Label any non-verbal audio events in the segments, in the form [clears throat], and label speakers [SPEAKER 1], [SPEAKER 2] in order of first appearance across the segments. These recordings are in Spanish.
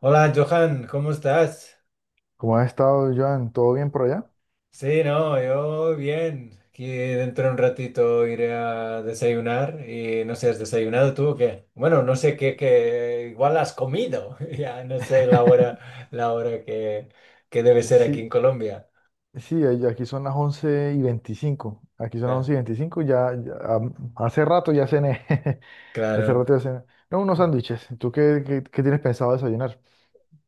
[SPEAKER 1] Hola Johan, ¿cómo estás?
[SPEAKER 2] ¿Cómo has estado, Joan? ¿Todo bien por allá?
[SPEAKER 1] Sí, no, yo bien. Aquí dentro de un ratito iré a desayunar y no sé, ¿has desayunado tú o qué? Bueno, no sé qué, igual has comido. [laughs] Ya no sé la hora,
[SPEAKER 2] [laughs]
[SPEAKER 1] la hora que debe ser aquí en
[SPEAKER 2] Sí,
[SPEAKER 1] Colombia.
[SPEAKER 2] Aquí son las 11:25. Aquí son las
[SPEAKER 1] Claro.
[SPEAKER 2] 11 y 25. Hace rato ya cené. [laughs] Hace
[SPEAKER 1] Claro.
[SPEAKER 2] rato ya cené. No, unos sándwiches. ¿Tú qué tienes pensado desayunar?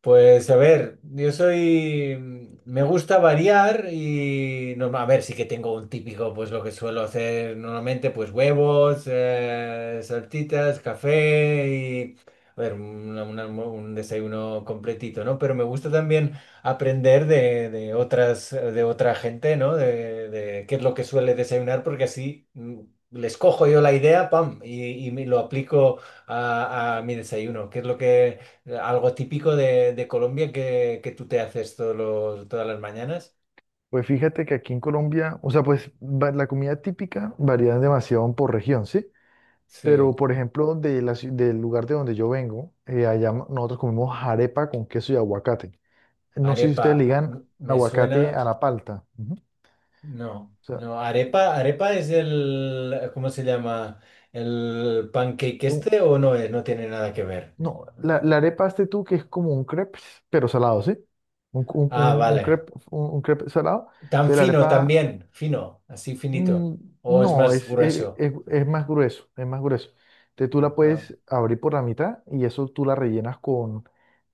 [SPEAKER 1] Pues a ver, yo soy, me gusta variar y no, a ver, sí que tengo un típico, pues lo que suelo hacer normalmente, pues huevos, saltitas, café y, a ver, un desayuno completito, ¿no? Pero me gusta también aprender de otras, de otra gente, ¿no? De qué es lo que suele desayunar, porque así les cojo yo la idea, pam, y me lo aplico a mi desayuno. ¿Qué es lo que algo típico de Colombia que tú te haces todas las mañanas.
[SPEAKER 2] Pues fíjate que aquí en Colombia, o sea, la comida típica varía demasiado por región, ¿sí?
[SPEAKER 1] Sí.
[SPEAKER 2] Pero, por ejemplo, del lugar de donde yo vengo, nosotros comemos arepa con queso y aguacate. No sé si ustedes
[SPEAKER 1] Arepa,
[SPEAKER 2] ligan
[SPEAKER 1] me
[SPEAKER 2] aguacate
[SPEAKER 1] suena.
[SPEAKER 2] a la palta. Ujú.
[SPEAKER 1] No,
[SPEAKER 2] O sea,
[SPEAKER 1] no. Arepa, arepa es el, ¿cómo se llama? ¿El pancake
[SPEAKER 2] Un-
[SPEAKER 1] este o no es? No tiene nada que ver.
[SPEAKER 2] no, la arepa este tú que es como un crepe, pero salado, ¿sí? Un, un,
[SPEAKER 1] Ah,
[SPEAKER 2] un, un
[SPEAKER 1] vale.
[SPEAKER 2] crepe, un crepe salado.
[SPEAKER 1] Tan
[SPEAKER 2] Entonces la
[SPEAKER 1] fino
[SPEAKER 2] arepa,
[SPEAKER 1] también, fino, así finito.
[SPEAKER 2] mm,
[SPEAKER 1] O es
[SPEAKER 2] no,
[SPEAKER 1] más grueso.
[SPEAKER 2] es más grueso, es más grueso. Entonces tú la
[SPEAKER 1] Ajá.
[SPEAKER 2] puedes abrir por la mitad y eso tú la rellenas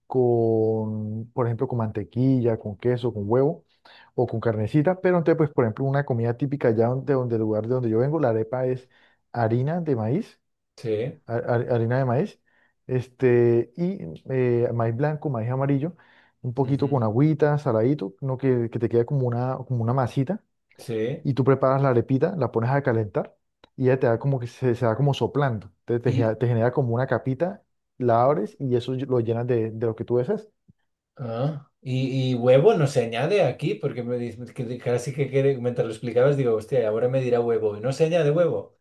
[SPEAKER 2] con, por ejemplo, con mantequilla, con queso, con huevo o con carnecita. Pero entonces, pues, por ejemplo, una comida típica allá de donde, del lugar de donde yo vengo, la arepa es harina de maíz
[SPEAKER 1] Sí.
[SPEAKER 2] harina de maíz, este, y maíz blanco, maíz amarillo, un poquito
[SPEAKER 1] Ujú.
[SPEAKER 2] con agüita, saladito, no que, que te quede como una masita,
[SPEAKER 1] Sí.
[SPEAKER 2] y tú preparas la arepita, la pones a calentar, y ya te da como que se da como soplando, te genera como una capita, la abres y eso lo llenas de lo que tú deseas.
[SPEAKER 1] Ah, y huevo no se añade aquí, porque me dice que casi que mientras lo explicabas digo, hostia, y ahora me dirá huevo. Y no se añade huevo.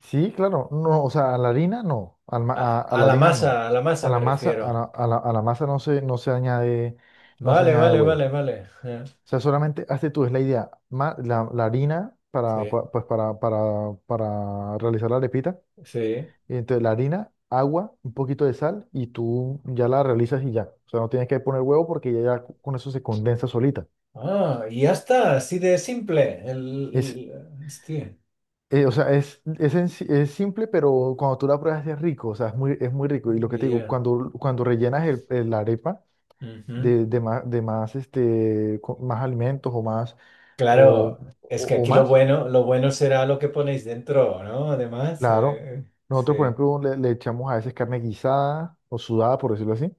[SPEAKER 2] Sí, claro, no, o sea, a la harina no,
[SPEAKER 1] A,
[SPEAKER 2] a la harina no,
[SPEAKER 1] a la
[SPEAKER 2] a
[SPEAKER 1] masa me
[SPEAKER 2] la masa,
[SPEAKER 1] refiero.
[SPEAKER 2] a la masa no se, no se añade, no se
[SPEAKER 1] Vale,
[SPEAKER 2] añade
[SPEAKER 1] vale,
[SPEAKER 2] huevo.
[SPEAKER 1] vale, vale.
[SPEAKER 2] O sea, solamente hazte tú, es la idea. La harina
[SPEAKER 1] Sí,
[SPEAKER 2] pues para realizar la arepita.
[SPEAKER 1] sí.
[SPEAKER 2] Y entonces la harina, agua, un poquito de sal y tú ya la realizas y ya. O sea, no tienes que poner huevo porque ya, ya con eso se condensa solita.
[SPEAKER 1] Ah, y ya está, así de simple. El,
[SPEAKER 2] Es,
[SPEAKER 1] hostia.
[SPEAKER 2] o sea, es simple, pero cuando tú la pruebas es rico. O sea, es muy rico. Y lo que te
[SPEAKER 1] Y
[SPEAKER 2] digo,
[SPEAKER 1] ya.
[SPEAKER 2] cuando, cuando rellenas la arepa
[SPEAKER 1] Ujú.
[SPEAKER 2] de más, este, más alimentos o más, o,
[SPEAKER 1] Claro, es que
[SPEAKER 2] o
[SPEAKER 1] aquí
[SPEAKER 2] más.
[SPEAKER 1] lo bueno será lo que ponéis dentro, ¿no? Además,
[SPEAKER 2] Claro. Nosotros, por
[SPEAKER 1] eh,
[SPEAKER 2] ejemplo, le echamos a veces carne guisada o sudada, por decirlo así,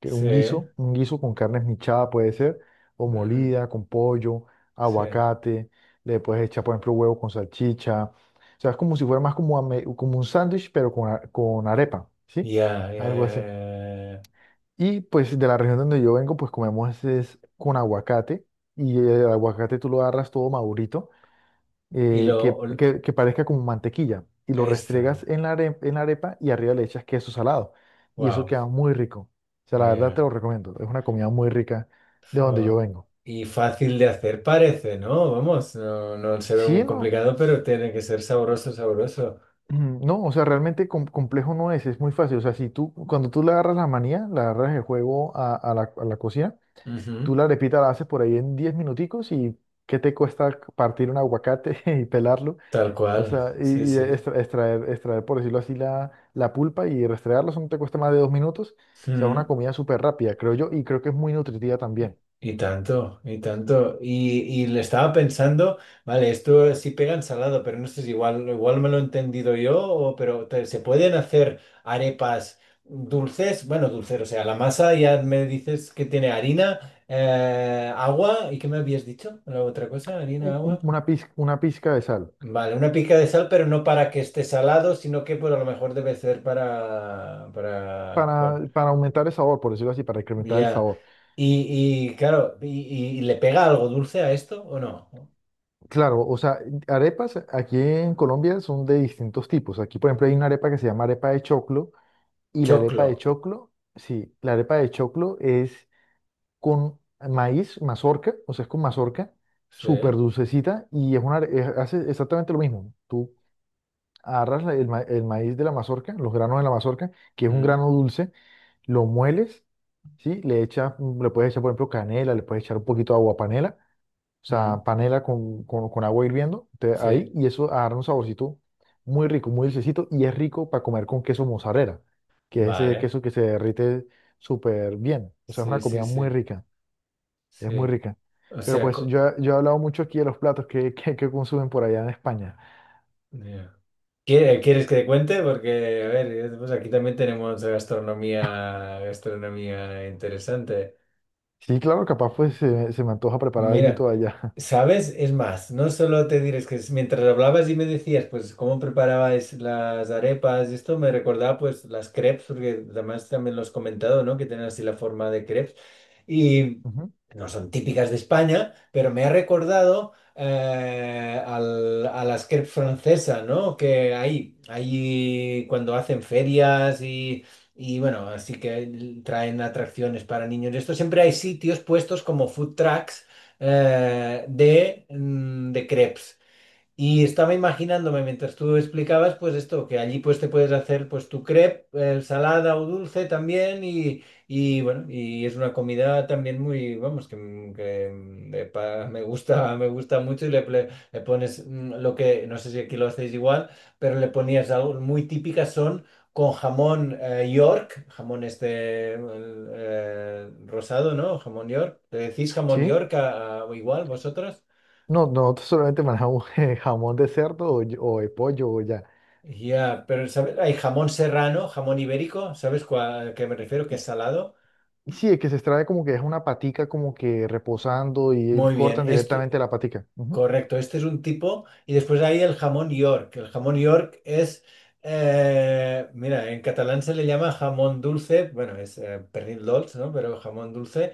[SPEAKER 2] que
[SPEAKER 1] sí,
[SPEAKER 2] un guiso con carne esmechada puede ser, o
[SPEAKER 1] sí. Mm,
[SPEAKER 2] molida, con pollo,
[SPEAKER 1] sí.
[SPEAKER 2] aguacate, le puedes echar, por ejemplo, huevo con salchicha. O sea, es como si fuera más como, como un sándwich, pero con arepa, ¿sí?
[SPEAKER 1] Ya, ya,
[SPEAKER 2] Algo así.
[SPEAKER 1] ya, ya. ya.
[SPEAKER 2] Y pues de la región donde yo vengo, pues comemos es con aguacate, y el aguacate tú lo agarras todo madurito
[SPEAKER 1] Y lo,
[SPEAKER 2] que, que parezca como mantequilla y lo
[SPEAKER 1] esta,
[SPEAKER 2] restregas en la, en la arepa y arriba le echas queso salado y eso
[SPEAKER 1] wow,
[SPEAKER 2] queda muy rico. O sea, la verdad te
[SPEAKER 1] ya.
[SPEAKER 2] lo recomiendo, es una comida muy rica de donde yo
[SPEAKER 1] Jo.
[SPEAKER 2] vengo.
[SPEAKER 1] Y fácil de hacer parece, ¿no? Vamos, no, no se ve muy
[SPEAKER 2] Sí, no,
[SPEAKER 1] complicado, pero tiene que ser sabroso, sabroso.
[SPEAKER 2] [clears throat] no, o sea, realmente complejo no es, es muy fácil. O sea, si tú, cuando tú le agarras la manía, le agarras el juego a la cocina, tú
[SPEAKER 1] Ujú.
[SPEAKER 2] la arepita la haces por ahí en 10 minuticos y ¿qué te cuesta partir un aguacate [laughs] y pelarlo?
[SPEAKER 1] Tal
[SPEAKER 2] O
[SPEAKER 1] cual,
[SPEAKER 2] sea,
[SPEAKER 1] sí,
[SPEAKER 2] y
[SPEAKER 1] sí.
[SPEAKER 2] extraer, extraer, por decirlo así, la pulpa y restregarla, eso no te cuesta más de 2 minutos. O sea, es una
[SPEAKER 1] Mm.
[SPEAKER 2] comida súper rápida, creo yo, y creo que es muy nutritiva también.
[SPEAKER 1] Y y tanto, y tanto. Y le estaba pensando, vale, esto sí pega ensalado, pero no sé si igual, igual me lo he entendido yo, o, se pueden hacer arepas dulces, bueno, dulces, o sea, la masa ya me dices que tiene harina, agua, ¿y qué me habías dicho? La otra cosa, harina, agua.
[SPEAKER 2] Una pizca de sal
[SPEAKER 1] Vale, una pica de sal, pero no para que esté salado, sino que pues a lo mejor debe ser para, bueno,
[SPEAKER 2] para aumentar el sabor, por decirlo así, para incrementar el
[SPEAKER 1] ya.
[SPEAKER 2] sabor.
[SPEAKER 1] Claro, y le pega algo dulce a esto o no?
[SPEAKER 2] Claro, o sea, arepas aquí en Colombia son de distintos tipos. Aquí, por ejemplo, hay una arepa que se llama arepa de choclo, y la arepa
[SPEAKER 1] Choclo.
[SPEAKER 2] de choclo, sí, la arepa de choclo es con maíz, mazorca, o sea, es con mazorca,
[SPEAKER 1] Sí.
[SPEAKER 2] súper dulcecita y es una, hace exactamente lo mismo. Tú agarras el, el maíz de la mazorca, los granos de la mazorca, que es un
[SPEAKER 1] Mm,
[SPEAKER 2] grano dulce, lo mueles, ¿sí? Le echas, le puedes echar, por ejemplo, canela, le puedes echar un poquito de agua panela, o
[SPEAKER 1] mm,
[SPEAKER 2] sea, panela con agua hirviendo, ahí,
[SPEAKER 1] sí.
[SPEAKER 2] y eso agarra un saborcito muy rico, muy dulcecito y es rico para comer con queso mozzarella, que es ese
[SPEAKER 1] Vale.
[SPEAKER 2] queso que se derrite súper bien, o sea, es una
[SPEAKER 1] Sí, sí,
[SPEAKER 2] comida muy
[SPEAKER 1] sí.
[SPEAKER 2] rica es muy
[SPEAKER 1] Sí.
[SPEAKER 2] rica.
[SPEAKER 1] O
[SPEAKER 2] Pero
[SPEAKER 1] sea,
[SPEAKER 2] pues
[SPEAKER 1] co-
[SPEAKER 2] yo he hablado mucho aquí de los platos que consumen por allá en España.
[SPEAKER 1] ya. ¿Quiere- ¿Quieres que te cuente? Porque, a ver, pues aquí también tenemos gastronomía, gastronomía interesante.
[SPEAKER 2] Sí, claro, capaz pues se me antoja preparar
[SPEAKER 1] Mira,
[SPEAKER 2] algo de allá.
[SPEAKER 1] ¿sabes? Es más, no solo te diré, es que es- mientras hablabas y me decías, pues, cómo preparabas las arepas y esto, me recordaba, pues, las crepes, porque además también lo has comentado, ¿no? Que tienen así la forma de crepes. Y
[SPEAKER 2] [laughs] Ujú.
[SPEAKER 1] no son típicas de España, pero me ha recordado a las crepes francesas, ¿no? Que hay cuando hacen ferias y... Y bueno, así que traen atracciones para niños. Esto siempre hay sitios puestos como food trucks de crepes. Y estaba imaginándome mientras tú explicabas, pues esto, que allí pues te puedes hacer pues tu crepe, salada o dulce también y, bueno, y es una comida también muy, vamos, que, m- que, mm, de pa- [laughs] me gusta mucho y le, le pones lo que, no sé si aquí lo hacéis igual, pero le ponías algo muy típicas son con jamón York, jamón este el, rosado, ¿no? Jamón York. ¿Le decís jamón
[SPEAKER 2] ¿Sí?
[SPEAKER 1] York igual vosotros?
[SPEAKER 2] No, no solamente manejamos [laughs] jamón de cerdo o de pollo o ya.
[SPEAKER 1] Ya, pero ¿sabes? Hay jamón serrano, jamón ibérico, ¿sabes cuál- a qué me refiero? Que
[SPEAKER 2] Y,
[SPEAKER 1] es salado.
[SPEAKER 2] y sí, es que se extrae como que es una patica como que reposando y
[SPEAKER 1] Muy bien.
[SPEAKER 2] cortan
[SPEAKER 1] Es,
[SPEAKER 2] directamente la patica. Ujú,
[SPEAKER 1] correcto, este es un tipo. Y después hay el jamón York. El jamón York es, mira, en catalán se le llama jamón dulce, bueno, es pernil dolç, ¿no? Pero jamón dulce.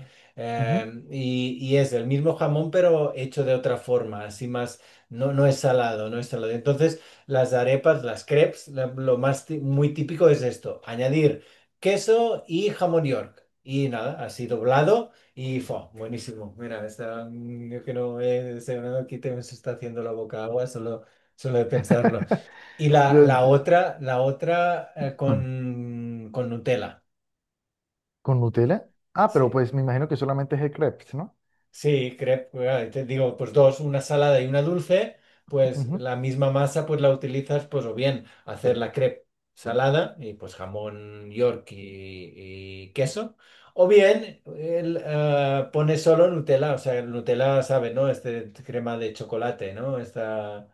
[SPEAKER 2] ujú.
[SPEAKER 1] Y es el mismo jamón, pero hecho de otra forma, así más, no, no es salado, no es salado. Entonces, las arepas, las crepes, lo más ti- muy típico es esto, añadir queso y jamón York. Y nada, así doblado. Y fue buenísimo. Mira, está, mm, yo que no he desayunado aquí, te me está haciendo la boca agua, solo, solo de pensarlo. Y
[SPEAKER 2] [laughs]
[SPEAKER 1] la,
[SPEAKER 2] De- de-
[SPEAKER 1] la otra
[SPEAKER 2] Hmm.
[SPEAKER 1] con Nutella.
[SPEAKER 2] ¿Con Nutella? Ah,
[SPEAKER 1] Sí,
[SPEAKER 2] pero pues me imagino que solamente es el crepes, ¿no?
[SPEAKER 1] sí, crepe, te digo, pues dos, una salada y una dulce, pues
[SPEAKER 2] Ujú.
[SPEAKER 1] la misma masa pues la utilizas pues o bien hacer la crepe salada y pues jamón York y queso, o bien el, pones solo Nutella, o sea, el Nutella sabe, ¿no? Este crema de chocolate, ¿no? Esta...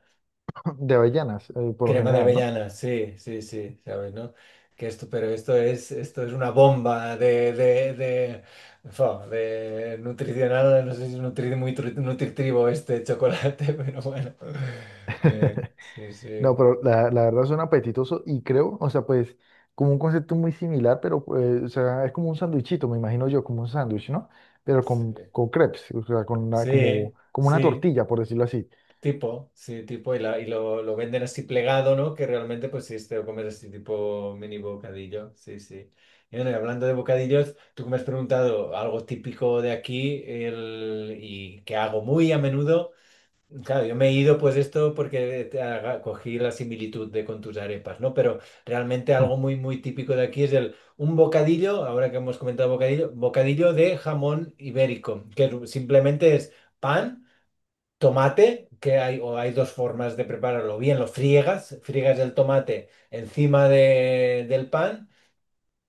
[SPEAKER 2] [laughs] De avellanas, por lo
[SPEAKER 1] Crema de
[SPEAKER 2] general, ¿no?
[SPEAKER 1] avellana, sí, sí, sí, sabes, ¿no? Que esto, pero esto es una bomba de nutricional, no sé si es nutri- muy tru- nutritivo este chocolate, [laughs] pero bueno.
[SPEAKER 2] [laughs]
[SPEAKER 1] Sí,
[SPEAKER 2] No,
[SPEAKER 1] sí,
[SPEAKER 2] pero la verdad suena apetitoso y creo, o sea, pues como un concepto muy similar, pero pues, o sea, es como un sándwichito, me imagino yo, como un sándwich, ¿no? Pero
[SPEAKER 1] sí,
[SPEAKER 2] con crepes, o sea, con una, como,
[SPEAKER 1] sí,
[SPEAKER 2] como una
[SPEAKER 1] sí,
[SPEAKER 2] tortilla, por decirlo así.
[SPEAKER 1] tipo, sí, tipo, y, y lo venden así plegado, ¿no? Que realmente, pues sí, te lo comes así tipo mini bocadillo, sí, sí. Y bueno, y hablando de bocadillos, tú que me has preguntado algo típico de aquí el, y que hago muy a menudo, claro, yo me he ido pues esto porque te haga- cogí la similitud de con tus arepas, ¿no? Pero realmente
[SPEAKER 2] Mm,
[SPEAKER 1] algo muy, muy típico de aquí es el, un bocadillo, ahora que hemos comentado bocadillo, bocadillo de jamón ibérico, que es- simplemente es pan. Tomate, que hay, o hay dos formas de prepararlo. Bien, lo friegas, friegas el tomate encima del pan.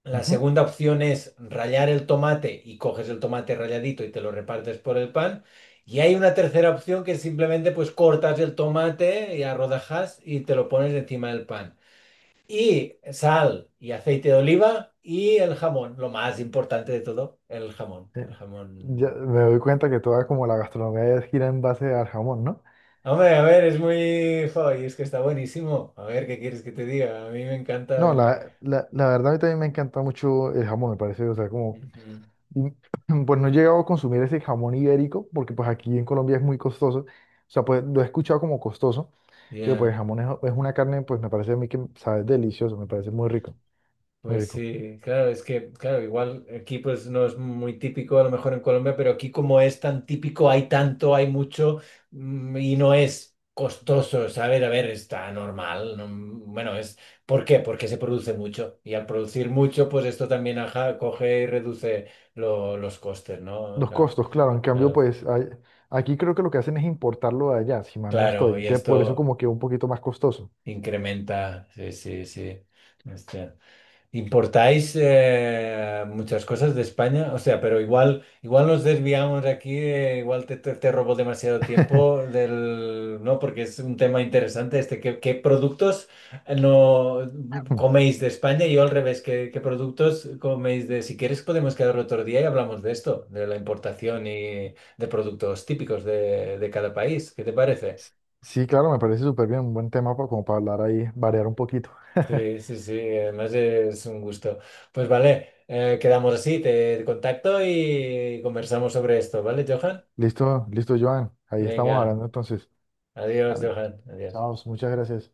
[SPEAKER 1] La
[SPEAKER 2] ujú.
[SPEAKER 1] segunda opción es rallar el tomate y coges el tomate ralladito y te lo repartes por el pan. Y hay una tercera opción que simplemente pues cortas el tomate y a rodajas y te lo pones encima del pan. Y sal y aceite de oliva y el jamón, lo más importante de todo, el
[SPEAKER 2] Eh, ya
[SPEAKER 1] jamón
[SPEAKER 2] me doy cuenta que toda como la gastronomía gira en base al jamón, ¿no?
[SPEAKER 1] hombre, a ver, es muy... jo, y es que está buenísimo. A ver, ¿qué quieres que te diga? A mí me encanta
[SPEAKER 2] No,
[SPEAKER 1] el...
[SPEAKER 2] la verdad a mí también me encanta mucho el jamón, me parece, o sea, como,
[SPEAKER 1] Ujú.
[SPEAKER 2] y, [clears throat] pues no he llegado a consumir ese jamón ibérico, porque pues aquí en Colombia es muy costoso, o sea, pues lo he escuchado como costoso. Pero pues
[SPEAKER 1] Ya,
[SPEAKER 2] el jamón es una carne, pues me parece a mí que sabe delicioso, me parece muy rico, muy
[SPEAKER 1] pues
[SPEAKER 2] rico.
[SPEAKER 1] sí, claro, es que, claro, igual aquí pues no es muy típico a lo mejor en Colombia, pero aquí como es tan típico, hay tanto, hay mucho y no es costoso, ¿sabes? A ver, está normal. No- bueno, es... ¿Por qué? Porque se produce mucho y al producir mucho, pues esto también ajá, coge y reduce los costes, ¿no?
[SPEAKER 2] Los
[SPEAKER 1] Claro,
[SPEAKER 2] costos, claro, en cambio,
[SPEAKER 1] claro.
[SPEAKER 2] aquí creo que lo que hacen es importarlo de allá, si mal no estoy.
[SPEAKER 1] Claro, y
[SPEAKER 2] Entonces, por eso
[SPEAKER 1] esto...
[SPEAKER 2] como que un poquito más costoso.
[SPEAKER 1] Incrementa, sí, sí, sí. Hostia. ¿Importáis muchas cosas de España? O sea, pero igual, igual nos desviamos aquí, te robo demasiado tiempo
[SPEAKER 2] [laughs]
[SPEAKER 1] del, ¿no? Porque es un tema interesante este. ¿Qué productos no coméis de España? Y yo al revés, ¿qué productos coméis de... Si quieres podemos quedar otro día y hablamos de esto, de la importación y de productos típicos de cada país. ¿Qué te parece?
[SPEAKER 2] Sí, claro, me parece súper bien, un buen tema como para hablar ahí, variar un poquito.
[SPEAKER 1] Sí,
[SPEAKER 2] [laughs]
[SPEAKER 1] sí, sí, además es un gusto. Pues vale, quedamos así, te contacto y conversamos sobre esto, ¿vale, Johan?
[SPEAKER 2] Listo, listo, Joan. Ahí
[SPEAKER 1] Venga,
[SPEAKER 2] estamos hablando entonces.
[SPEAKER 1] adiós,
[SPEAKER 2] Vale,
[SPEAKER 1] Johan, adiós.
[SPEAKER 2] chao, muchas gracias.